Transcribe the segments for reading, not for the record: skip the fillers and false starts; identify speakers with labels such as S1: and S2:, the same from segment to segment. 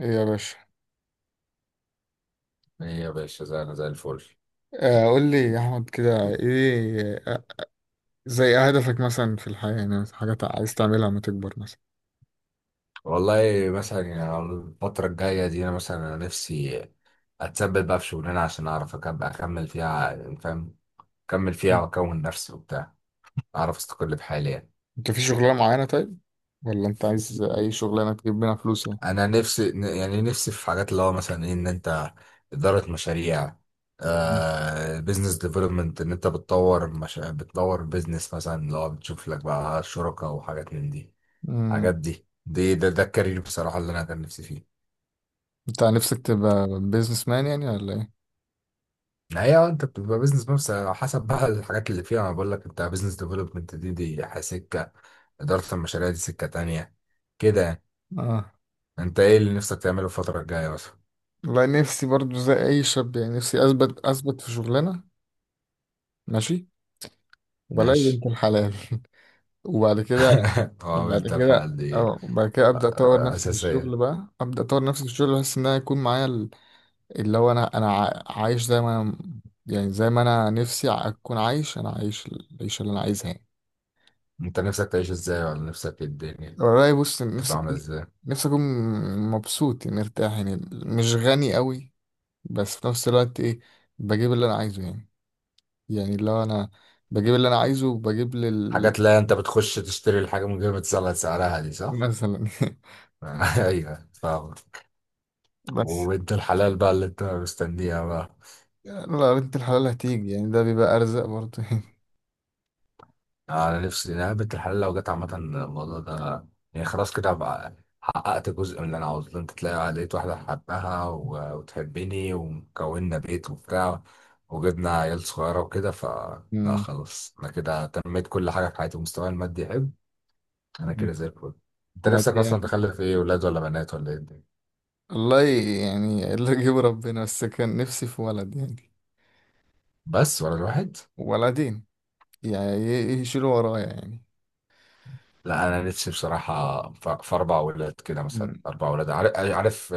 S1: ايه يا باشا.
S2: ايه يا باشا، زي الفل.
S1: قول لي يا احمد كده ايه. زي هدفك مثلا في الحياة يعني حاجات عايز تعملها لما تكبر مثلا.
S2: والله مثلا يعني على الفترة الجاية دي، انا نفسي اتثبت بقى في شغلانة عشان اعرف اكمل فيها، يعني فاهم، اكمل فيها
S1: مم.
S2: واكون نفسي وبتاع، اعرف استقل بحالي يعني.
S1: انت في شغلانة معينة؟ طيب ولا انت عايز اي شغلانة تجيب منها فلوس يعني؟
S2: انا نفسي، يعني نفسي في حاجات اللي هو مثلا إيه، ان انت ادارة مشاريع،
S1: مم.
S2: آه بزنس ديفلوبمنت، ان انت بتطور مش... بتطور بزنس مثلا، اللي هو بتشوف لك بقى شركاء وحاجات من دي.
S1: امم
S2: حاجات دي ده الكارير بصراحة اللي انا كان نفسي فيه.
S1: انت نفسك تبقى بيزنس مان يعني ولا ايه؟
S2: هي انت بتبقى بيزنس، بس على حسب بقى الحاجات اللي فيها. انا بقول لك، انت بيزنس ديفلوبمنت دي سكه، اداره المشاريع دي سكه تانية، كده يعني.
S1: اه.
S2: انت ايه اللي نفسك تعمله الفتره الجايه مثلا؟
S1: والله نفسي برضو زي اي شاب يعني نفسي اثبت في شغلانة. ماشي. وبلاقي
S2: ماشي.
S1: بنت الحلال وبعد كده.
S2: اه، قلت الحلقه دي
S1: وبعد كده ابدا اطور نفسي في
S2: اساسيه.
S1: الشغل بقى، ابدا اطور نفسي في الشغل بحيث ان انا يكون معايا اللي هو عايش زي ما انا. يعني زي ما انا نفسي اكون عايش، انا عايش العيشه اللي انا عايزها يعني.
S2: انت نفسك تعيش ازاي؟ ولا نفسك ايه الدنيا
S1: والله بص
S2: تبقى عامله ازاي؟
S1: نفسي اكون مبسوط يعني، مرتاح يعني، مش غني قوي بس في نفس الوقت ايه، بجيب اللي انا عايزه يعني. يعني لو انا بجيب اللي انا عايزه وبجيب لل
S2: حاجات. لا، انت بتخش تشتري الحاجه من غير ما تسأل سعرها، دي صح.
S1: مثلا
S2: ايوه، فاهم.
S1: بس.
S2: وانت الحلال بقى اللي انت مستنيها بقى.
S1: يعني لو بنت الحلال هتيجي يعني ده بيبقى ارزق برضه يعني.
S2: انا نفسي إن انا بنت الحلال لو جت، عامه الموضوع ده يعني خلاص كده هبقى حققت جزء من اللي انا عاوزه. انت لقيت واحده حبها وتحبني، وكوننا بيت وبتاع، وجبنا عيال صغيره وكده لا
S1: مم.
S2: خلاص، انا كده تنميت كل حاجه في حياتي ومستواي المادي يحب، انا كده زي الفل. انت نفسك
S1: ماديا.
S2: اصلا تخلف ايه، ولاد ولا بنات ولا ايه الدنيا؟
S1: والله يعني اللي يجيب ربنا، بس كان نفسي في ولد يعني،
S2: بس ولا الواحد.
S1: ولدين يعني يشيلوا ورايا يعني.
S2: لا انا نفسي بصراحه في اربع ولاد كده، مثلا
S1: مم.
S2: اربع ولاد، عارف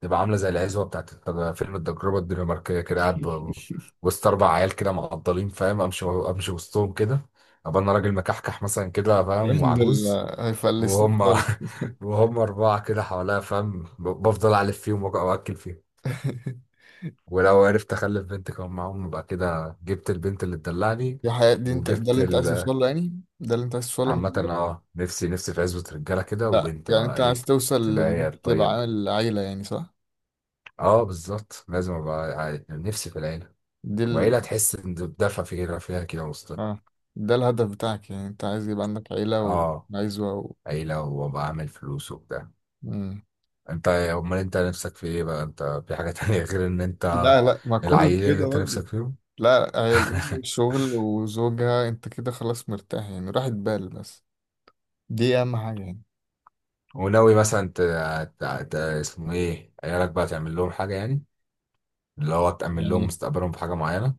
S2: تبقى عامله زي العزوه بتاعت فيلم التجربه الدنماركيه، كده قاعد وسط اربع عيال كده معضلين، فاهم؟ امشي امشي وسطهم كده، ابقى انا راجل مكحكح مثلا كده فاهم،
S1: الكلام ده
S2: وعجوز،
S1: اللي هيفلسوك
S2: وهم
S1: خالص.
S2: وهم اربعه كده حواليا، فاهم، بفضل الف فيهم واكل فيهم. ولو عرفت اخلف بنت كمان معاهم، يبقى كده جبت البنت اللي تدلعني
S1: دي حياة، دي انت ده
S2: وجبت
S1: اللي انت عايز توصل له يعني، ده اللي انت عايز توصل له لما
S2: عامة
S1: تكبر.
S2: اه، نفسي في عزوة رجالة كده،
S1: لا
S2: وبنت
S1: يعني
S2: بقى،
S1: انت
S2: ايه
S1: عايز توصل
S2: تبقى
S1: لان
S2: هي
S1: انت تبقى
S2: الطيبة.
S1: عامل عيلة يعني، صح؟
S2: اه بالظبط، لازم ابقى نفسي في العيلة،
S1: دي ال...
S2: وعيلة تحس إن بدفع فكرة فيها كده وسط،
S1: اه، ده الهدف بتاعك يعني، انت عايز يبقى عندك عيلة
S2: آه
S1: وعزوة
S2: عيلة وأبقى عامل فلوس وبتاع.
S1: مم.
S2: أنت نفسك في إيه بقى؟ أنت في حاجة تانية غير إن أنت
S1: لا لا، ما كله
S2: العيلة اللي
S1: كده
S2: أنت
S1: برضه.
S2: نفسك فيهم؟
S1: لا شغل وزوجها انت كده خلاص، مرتاح يعني راحة بال بس. دي اهم حاجة يعني.
S2: وناوي مثلا اسمه إيه، عيالك بقى تعمل لهم حاجة يعني، اللي هو تأمن لهم
S1: يعني
S2: مستقبلهم بحاجة معينة.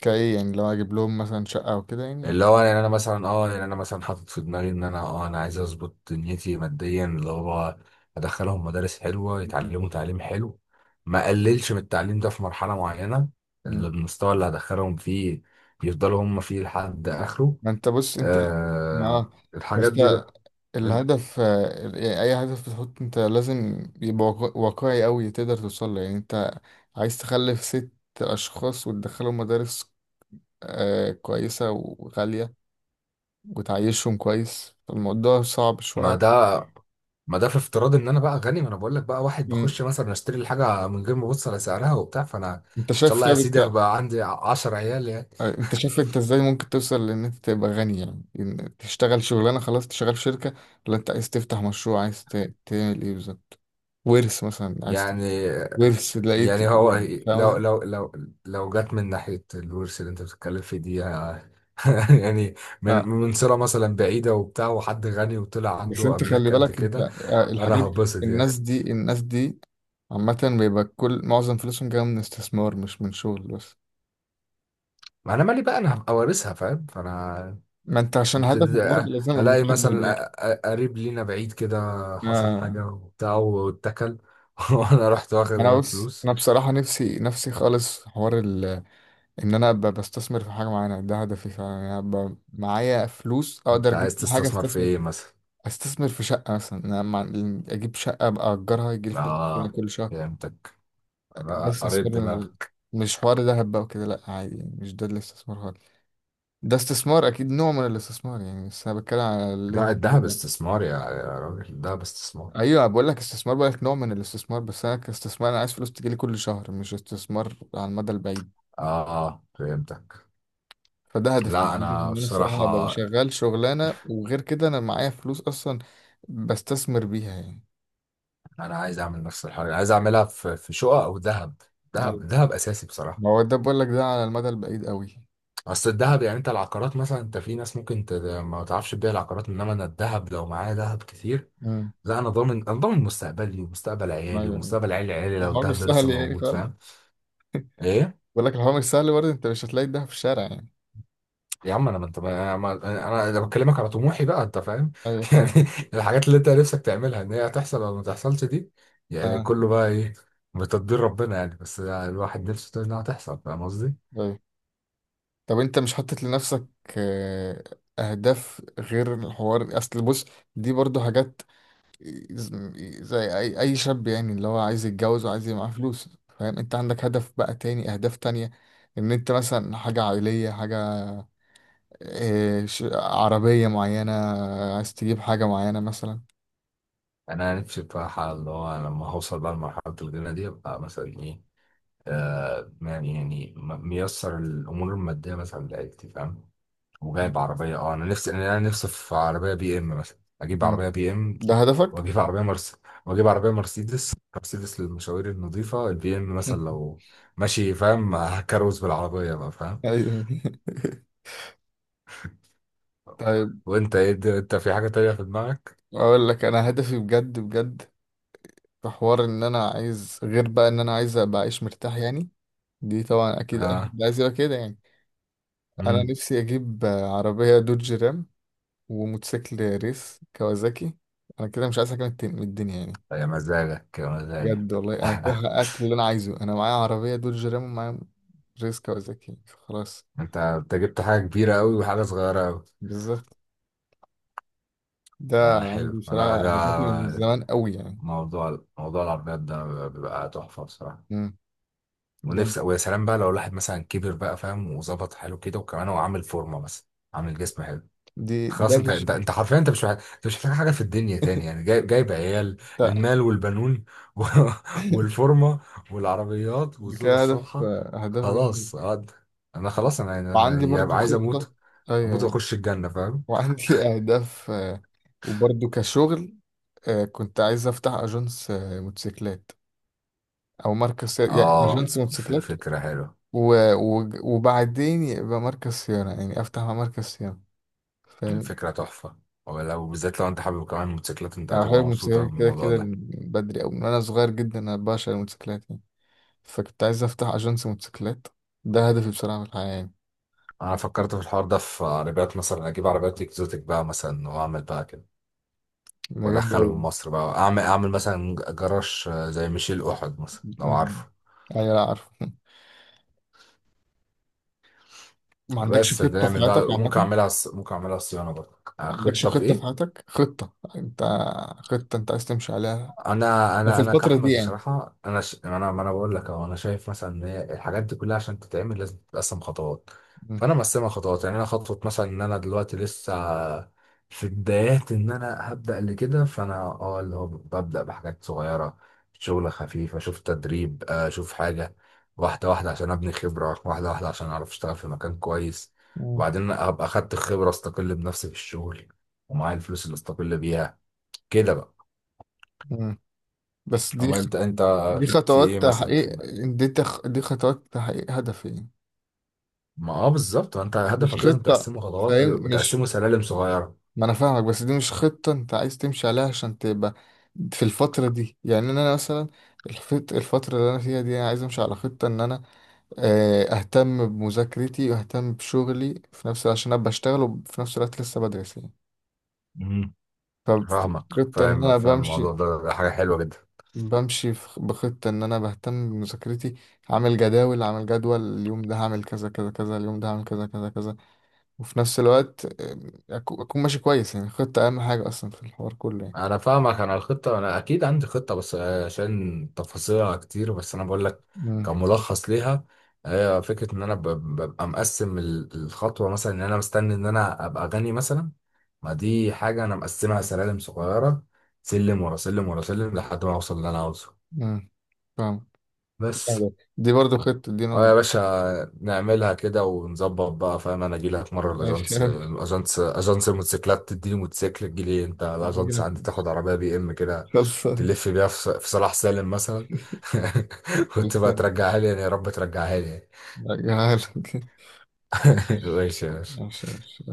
S1: كايه، يعني لو اجيب لهم مثلا شقه او كده يعني ولا؟
S2: اللي هو يعني انا مثلا، حاطط في دماغي ان انا، انا عايز اظبط دنيتي ماديا، اللي هو ادخلهم مدارس حلوه يتعلموا تعليم حلو، ما اقللش من التعليم ده في مرحله معينه،
S1: مم.
S2: اللي المستوى اللي هدخلهم فيه يفضلوا هم فيه لحد اخره.
S1: ما انت بص انت.
S2: آه
S1: اه، بس
S2: الحاجات دي
S1: ده
S2: بقى.
S1: الهدف. يعني اي هدف بتحط انت لازم يبقى واقعي قوي تقدر توصل له يعني. انت عايز تخلف ست اشخاص وتدخلهم مدارس كويسه وغاليه وتعيشهم كويس، فالموضوع صعب
S2: ما
S1: شويه.
S2: ده ما ده في افتراض ان انا بقى غني، ما انا بقول لك بقى، واحد بخش
S1: مم.
S2: مثلا اشتري الحاجه من غير ما ابص على سعرها وبتاع، فانا ان
S1: انت
S2: شاء
S1: شايف؟
S2: الله يا
S1: طيب
S2: سيدي هبقى عندي 10 عيال
S1: انت شايف انت ازاي ممكن توصل لان انت تبقى غني يعني؟ إن تشتغل شغلانه خلاص تشتغل في شركه، ولا انت عايز تفتح مشروع، عايز تعمل ايه بالظبط؟ ورث مثلا، عايز
S2: يعني
S1: ورث لقيت
S2: يعني هو
S1: إيه؟ فاهم
S2: لو
S1: قصدي.
S2: لو لو لو جت من ناحية الورث اللي انت بتتكلم فيه دي يعني، من
S1: اه،
S2: من صلة مثلا بعيدة وبتاع، وحد غني وطلع
S1: بس
S2: عنده
S1: انت خلي
S2: أملاك قد
S1: بالك انت،
S2: كده، أنا هبسط يعني.
S1: الناس دي عامه بيبقى كل معظم فلوسهم جايه من استثمار مش من شغل بس.
S2: ما أنا مالي بقى، أنا هبقى وارثها فاهم، فأنا
S1: ما انت عشان هدفك برضه
S2: كده
S1: لازم يبقى
S2: ألاقي
S1: محدد
S2: مثلا
S1: يعني.
S2: قريب لينا بعيد كده، حصل
S1: آه.
S2: حاجة وبتاع واتكل، وأنا رحت واخد
S1: انا
S2: أنا
S1: بص،
S2: فلوس.
S1: انا بصراحه نفسي نفسي خالص في حوار ان انا ابقى بستثمر في حاجه معينه. ده هدفي فعلا يعني، ابقى معايا فلوس اقدر
S2: أنت
S1: اجيب
S2: عايز
S1: بيها حاجه
S2: تستثمر في
S1: استثمر
S2: إيه
S1: فيها.
S2: مثلا؟
S1: استثمر في شقه مثلا. اجيب شقه ابقى اجرها يجي لي فلوس كده
S2: آه،
S1: كل شهر.
S2: فهمتك،
S1: ده
S2: قريت
S1: استثمار بالنسبة لي.
S2: دماغك.
S1: مش حوار دهب بقى وكده، لا عادي يعني، مش ده الاستثمار خالص. ده استثمار اكيد، نوع من الاستثمار يعني، بس انا بتكلم على اللي
S2: لا
S1: انت.
S2: الذهب استثمار، يا راجل الذهب استثمار.
S1: ايوه، بقول لك استثمار، بقول لك نوع من الاستثمار، بس انا كاستثمار انا عايز فلوس تجي لي كل شهر، مش استثمار على المدى البعيد.
S2: اه اه، فهمتك.
S1: فده هدفي،
S2: لا انا
S1: ان انا الصراحه ابقى
S2: بصراحة
S1: شغال شغلانه، وغير كده انا معايا فلوس اصلا بستثمر بيها يعني.
S2: انا عايز اعمل نفس الحاجة، عايز اعملها في شقق او ذهب ذهب
S1: ايوه.
S2: ذهب اساسي بصراحة.
S1: ما هو ده بقول لك، ده على المدى البعيد قوي.
S2: اصل الذهب يعني، انت العقارات مثلا انت، في ناس ممكن ما تعرفش تبيع العقارات، انما انا الذهب لو معايا ذهب كتير،
S1: امم.
S2: لا انا ضامن، انا ضامن مستقبلي ومستقبل عيالي
S1: أيوة.
S2: ومستقبل عيال عيالي لو
S1: الحوار مش
S2: الذهب ده
S1: سهل
S2: لسه
S1: يعني
S2: موجود،
S1: خالص.
S2: فاهم؟ ايه
S1: بقول لك الحوار مش سهل، برضه انت مش هتلاقي ده في الشارع يعني.
S2: يا عم، انا ما انت انا بكلمك على طموحي بقى، انت فاهم؟
S1: ايوه
S2: يعني
S1: فاهم.
S2: الحاجات اللي انت نفسك تعملها ان هي هتحصل ولا ما تحصلش دي يعني،
S1: اه.
S2: كله بقى ايه؟ بتدبير ربنا يعني، بس الواحد نفسه انها هتحصل، فاهم قصدي؟
S1: ايوه. طب انت مش حاطط لنفسك آه، اهداف غير الحوار؟ اصل بص، دي برضه حاجات زي اي شاب يعني، اللي هو عايز يتجوز وعايز يبقى معاه فلوس، فاهم. انت عندك هدف بقى تاني، اهداف تانية، ان انت مثلا حاجة عائلية، حاجة، إيه، عربية معينة عايز تجيب حاجة معينة مثلا؟
S2: انا نفسي بصراحه اللي هو، أنا لما هوصل بقى لمرحله الغنى دي، ابقى مثلا ايه، يعني ميسر الامور الماديه مثلا لعيلتي، فاهم، وجايب عربية. انا نفسي في عربية بي ام مثلا، اجيب
S1: مم.
S2: عربية بي ام،
S1: ده هدفك؟
S2: واجيب عربية مرس واجيب عربية مرسيدس للمشاوير النظيفة، البي ام مثلا لو ماشي فاهم، هكروز بالعربية بقى فاهم.
S1: أيوة. طيب.
S2: وانت ايه انت في حاجة تانية في دماغك؟
S1: اقول لك انا هدفي بجد بجد، في حوار ان انا عايز غير بقى، ان انا عايز ابقى عايش مرتاح يعني. دي طبعا اكيد اي
S2: اه.
S1: حد عايز يبقى كده يعني. انا
S2: امم
S1: نفسي اجيب عربية دوج رام، وموتوسيكل ريس كوازاكي. انا كده مش عايز حاجه من من الدنيا يعني.
S2: يا مزاجك يا
S1: بجد
S2: مزاجك.
S1: والله، انا كده حققت اللي انا عايزه. انا معايا عربيه دول جيرام، ومعايا ريس كوازاكي، خلاص.
S2: انت انت جبت حاجة كبيرة قوي وحاجة صغيرة قوي.
S1: بالظبط. ده
S2: آه حلو،
S1: عندي
S2: انا
S1: بصراحه
S2: ده
S1: هدفي من زمان قوي يعني.
S2: موضوع العربيات ده بيبقى تحفة بصراحة.
S1: امم. جامد.
S2: ونفسي، ويا سلام بقى لو الواحد مثلا كبر بقى فاهم، وظبط حاله كده، وكمان هو عامل فورمه مثلا، عامل جسم حلو.
S1: دي ده
S2: خلاص انت انت
S1: فيجن
S2: انت حرفيا، انت مش محتاج، انت مش محتاج حاجه في الدنيا تاني يعني، جايب عيال،
S1: بتاع
S2: المال والبنون، و... والفورمه، والعربيات،
S1: دي
S2: والزوجه
S1: كده هدف،
S2: الصالحه.
S1: اهداف جامد.
S2: خلاص انا خلاص، انا
S1: وعندي
S2: يبقى
S1: برضو
S2: عايز
S1: خطه.
S2: اموت،
S1: ايوه.
S2: اموت
S1: أيوة.
S2: واخش الجنه فاهم.
S1: وعندي اهداف، وبرضو كشغل، كنت عايز افتح اجنس موتوسيكلات، او مركز صيانة يعني
S2: اه
S1: اجنس موتوسيكلات
S2: فكره حلوه،
S1: وبعدين يبقى مركز صيانة يعني افتح مع مركز صيانة، فاهم.
S2: فكره تحفه، ولو بالذات لو انت حابب كمان موتوسيكلات، انت
S1: انا بحب
S2: هتبقى
S1: الموتوسيكلات
S2: مبسوطه من
S1: كده
S2: الموضوع
S1: كده
S2: ده.
S1: من بدري، او من وانا صغير جدا، انا بعشق الموتوسيكلات يعني. فكنت عايز افتح اجنس موتوسيكلات. ده هدفي بصراحة في الحياة يعني.
S2: انا فكرت في الحوار ده في عربيات، مثلا اجيب عربيات اكزوتيك بقى مثلا، واعمل بقى كده
S1: ده جامد
S2: وادخلهم
S1: أوي.
S2: مصر بقى، اعمل اعمل مثلا جراج، زي ميشيل احد مثلا لو عارفه.
S1: أمم. ايوه. لا عارف. ما عندكش
S2: بس ده
S1: خطة في
S2: نعمل بقى،
S1: حياتك
S2: ممكن
S1: عامة؟
S2: اعملها ممكن اعملها صيانه برضه.
S1: ما عندكش
S2: خطه في
S1: خطة في
S2: ايه؟
S1: حياتك، خطة انت، خطة انت عايز تمشي عليها،
S2: انا
S1: ده في
S2: انا انا
S1: الفترة دي
S2: كاحمد
S1: يعني؟
S2: بصراحه، انا ش... انا ما انا بقول لك اهو، انا شايف مثلا ان هي الحاجات دي كلها عشان تتعمل لازم تتقسم خطوات.
S1: أمم.
S2: فانا مقسمها خطوات يعني، انا خطوه مثلا ان انا دلوقتي لسه في بدايات ان انا هبدا اللي كده، فانا اه اللي هو ببدا بحاجات صغيره، شغل خفيف، اشوف تدريب، اشوف حاجه، واحده واحده عشان ابني خبره، واحده واحده عشان اعرف اشتغل في مكان كويس،
S1: أمم.
S2: وبعدين ابقى اخدت الخبره، استقل بنفسي في الشغل ومعايا الفلوس اللي استقل بيها، كده بقى.
S1: أمم. بس دي
S2: اما انت، انت
S1: دي
S2: في ايه
S1: خطوات
S2: مثلا في
S1: تحقيق،
S2: دماغك؟
S1: دي خطوات تحقيق هدفين،
S2: ما اه بالظبط، ما انت
S1: مش
S2: هدفك لازم
S1: خطة،
S2: تقسمه خطوات،
S1: فاهم؟ مش.
S2: تقسمه سلالم صغيره.
S1: ما انا فاهمك، بس دي مش خطة انت عايز تمشي عليها عشان تبقى في الفترة دي يعني، إن انا مثلا الفترة اللي انا فيها دي انا عايز امشي على خطة ان انا، اهتم بمذاكرتي واهتم بشغلي في نفس، عشان ابقى اشتغل وفي نفس الوقت لسه بدرس يعني.
S2: مم. فاهمك،
S1: فخطة ان
S2: فاهم
S1: انا
S2: فاهم. الموضوع ده حاجه حلوه جدا.
S1: بخطة، إن أنا بهتم بمذاكرتي، عامل جداول، عامل جدول، اليوم ده هعمل كذا كذا كذا، اليوم ده هعمل كذا كذا كذا، وفي نفس الوقت أكون ماشي كويس يعني. خطة أهم حاجة أصلا في الحوار كله يعني.
S2: انا فاهمك، انا الخطه انا اكيد عندي خطه بس، عشان تفاصيلها كتير، بس انا بقول لك
S1: مم.
S2: كملخص ليها، هي فكره ان انا ببقى مقسم الخطوه، مثلا ان انا مستني ان انا ابقى غني مثلا، ما دي حاجه انا مقسمها سلالم صغيره، سلم ورا سلم ورا سلم لحد ما اوصل اللي انا عاوزه
S1: مم. فاهم.
S2: بس.
S1: دي برضو خطة، دي
S2: اه
S1: نوع.
S2: يا باشا، نعملها كده ونظبط بقى فاهم، انا اجي لك مره
S1: ماشي.
S2: الاجانس اجانس اجانس الموتوسيكلات، تديني موتوسيكل، تجي لي انت الاجانس عندي، تاخد عربيه بي ام كده،
S1: خلصان.
S2: تلف بيها في صلاح سالم مثلا، وتبقى
S1: خلصان.
S2: ترجعها لي يعني، يا رب ترجعها لي يعني.
S1: هجيلك.
S2: ماشي يا باشا.
S1: ماشي ماشي.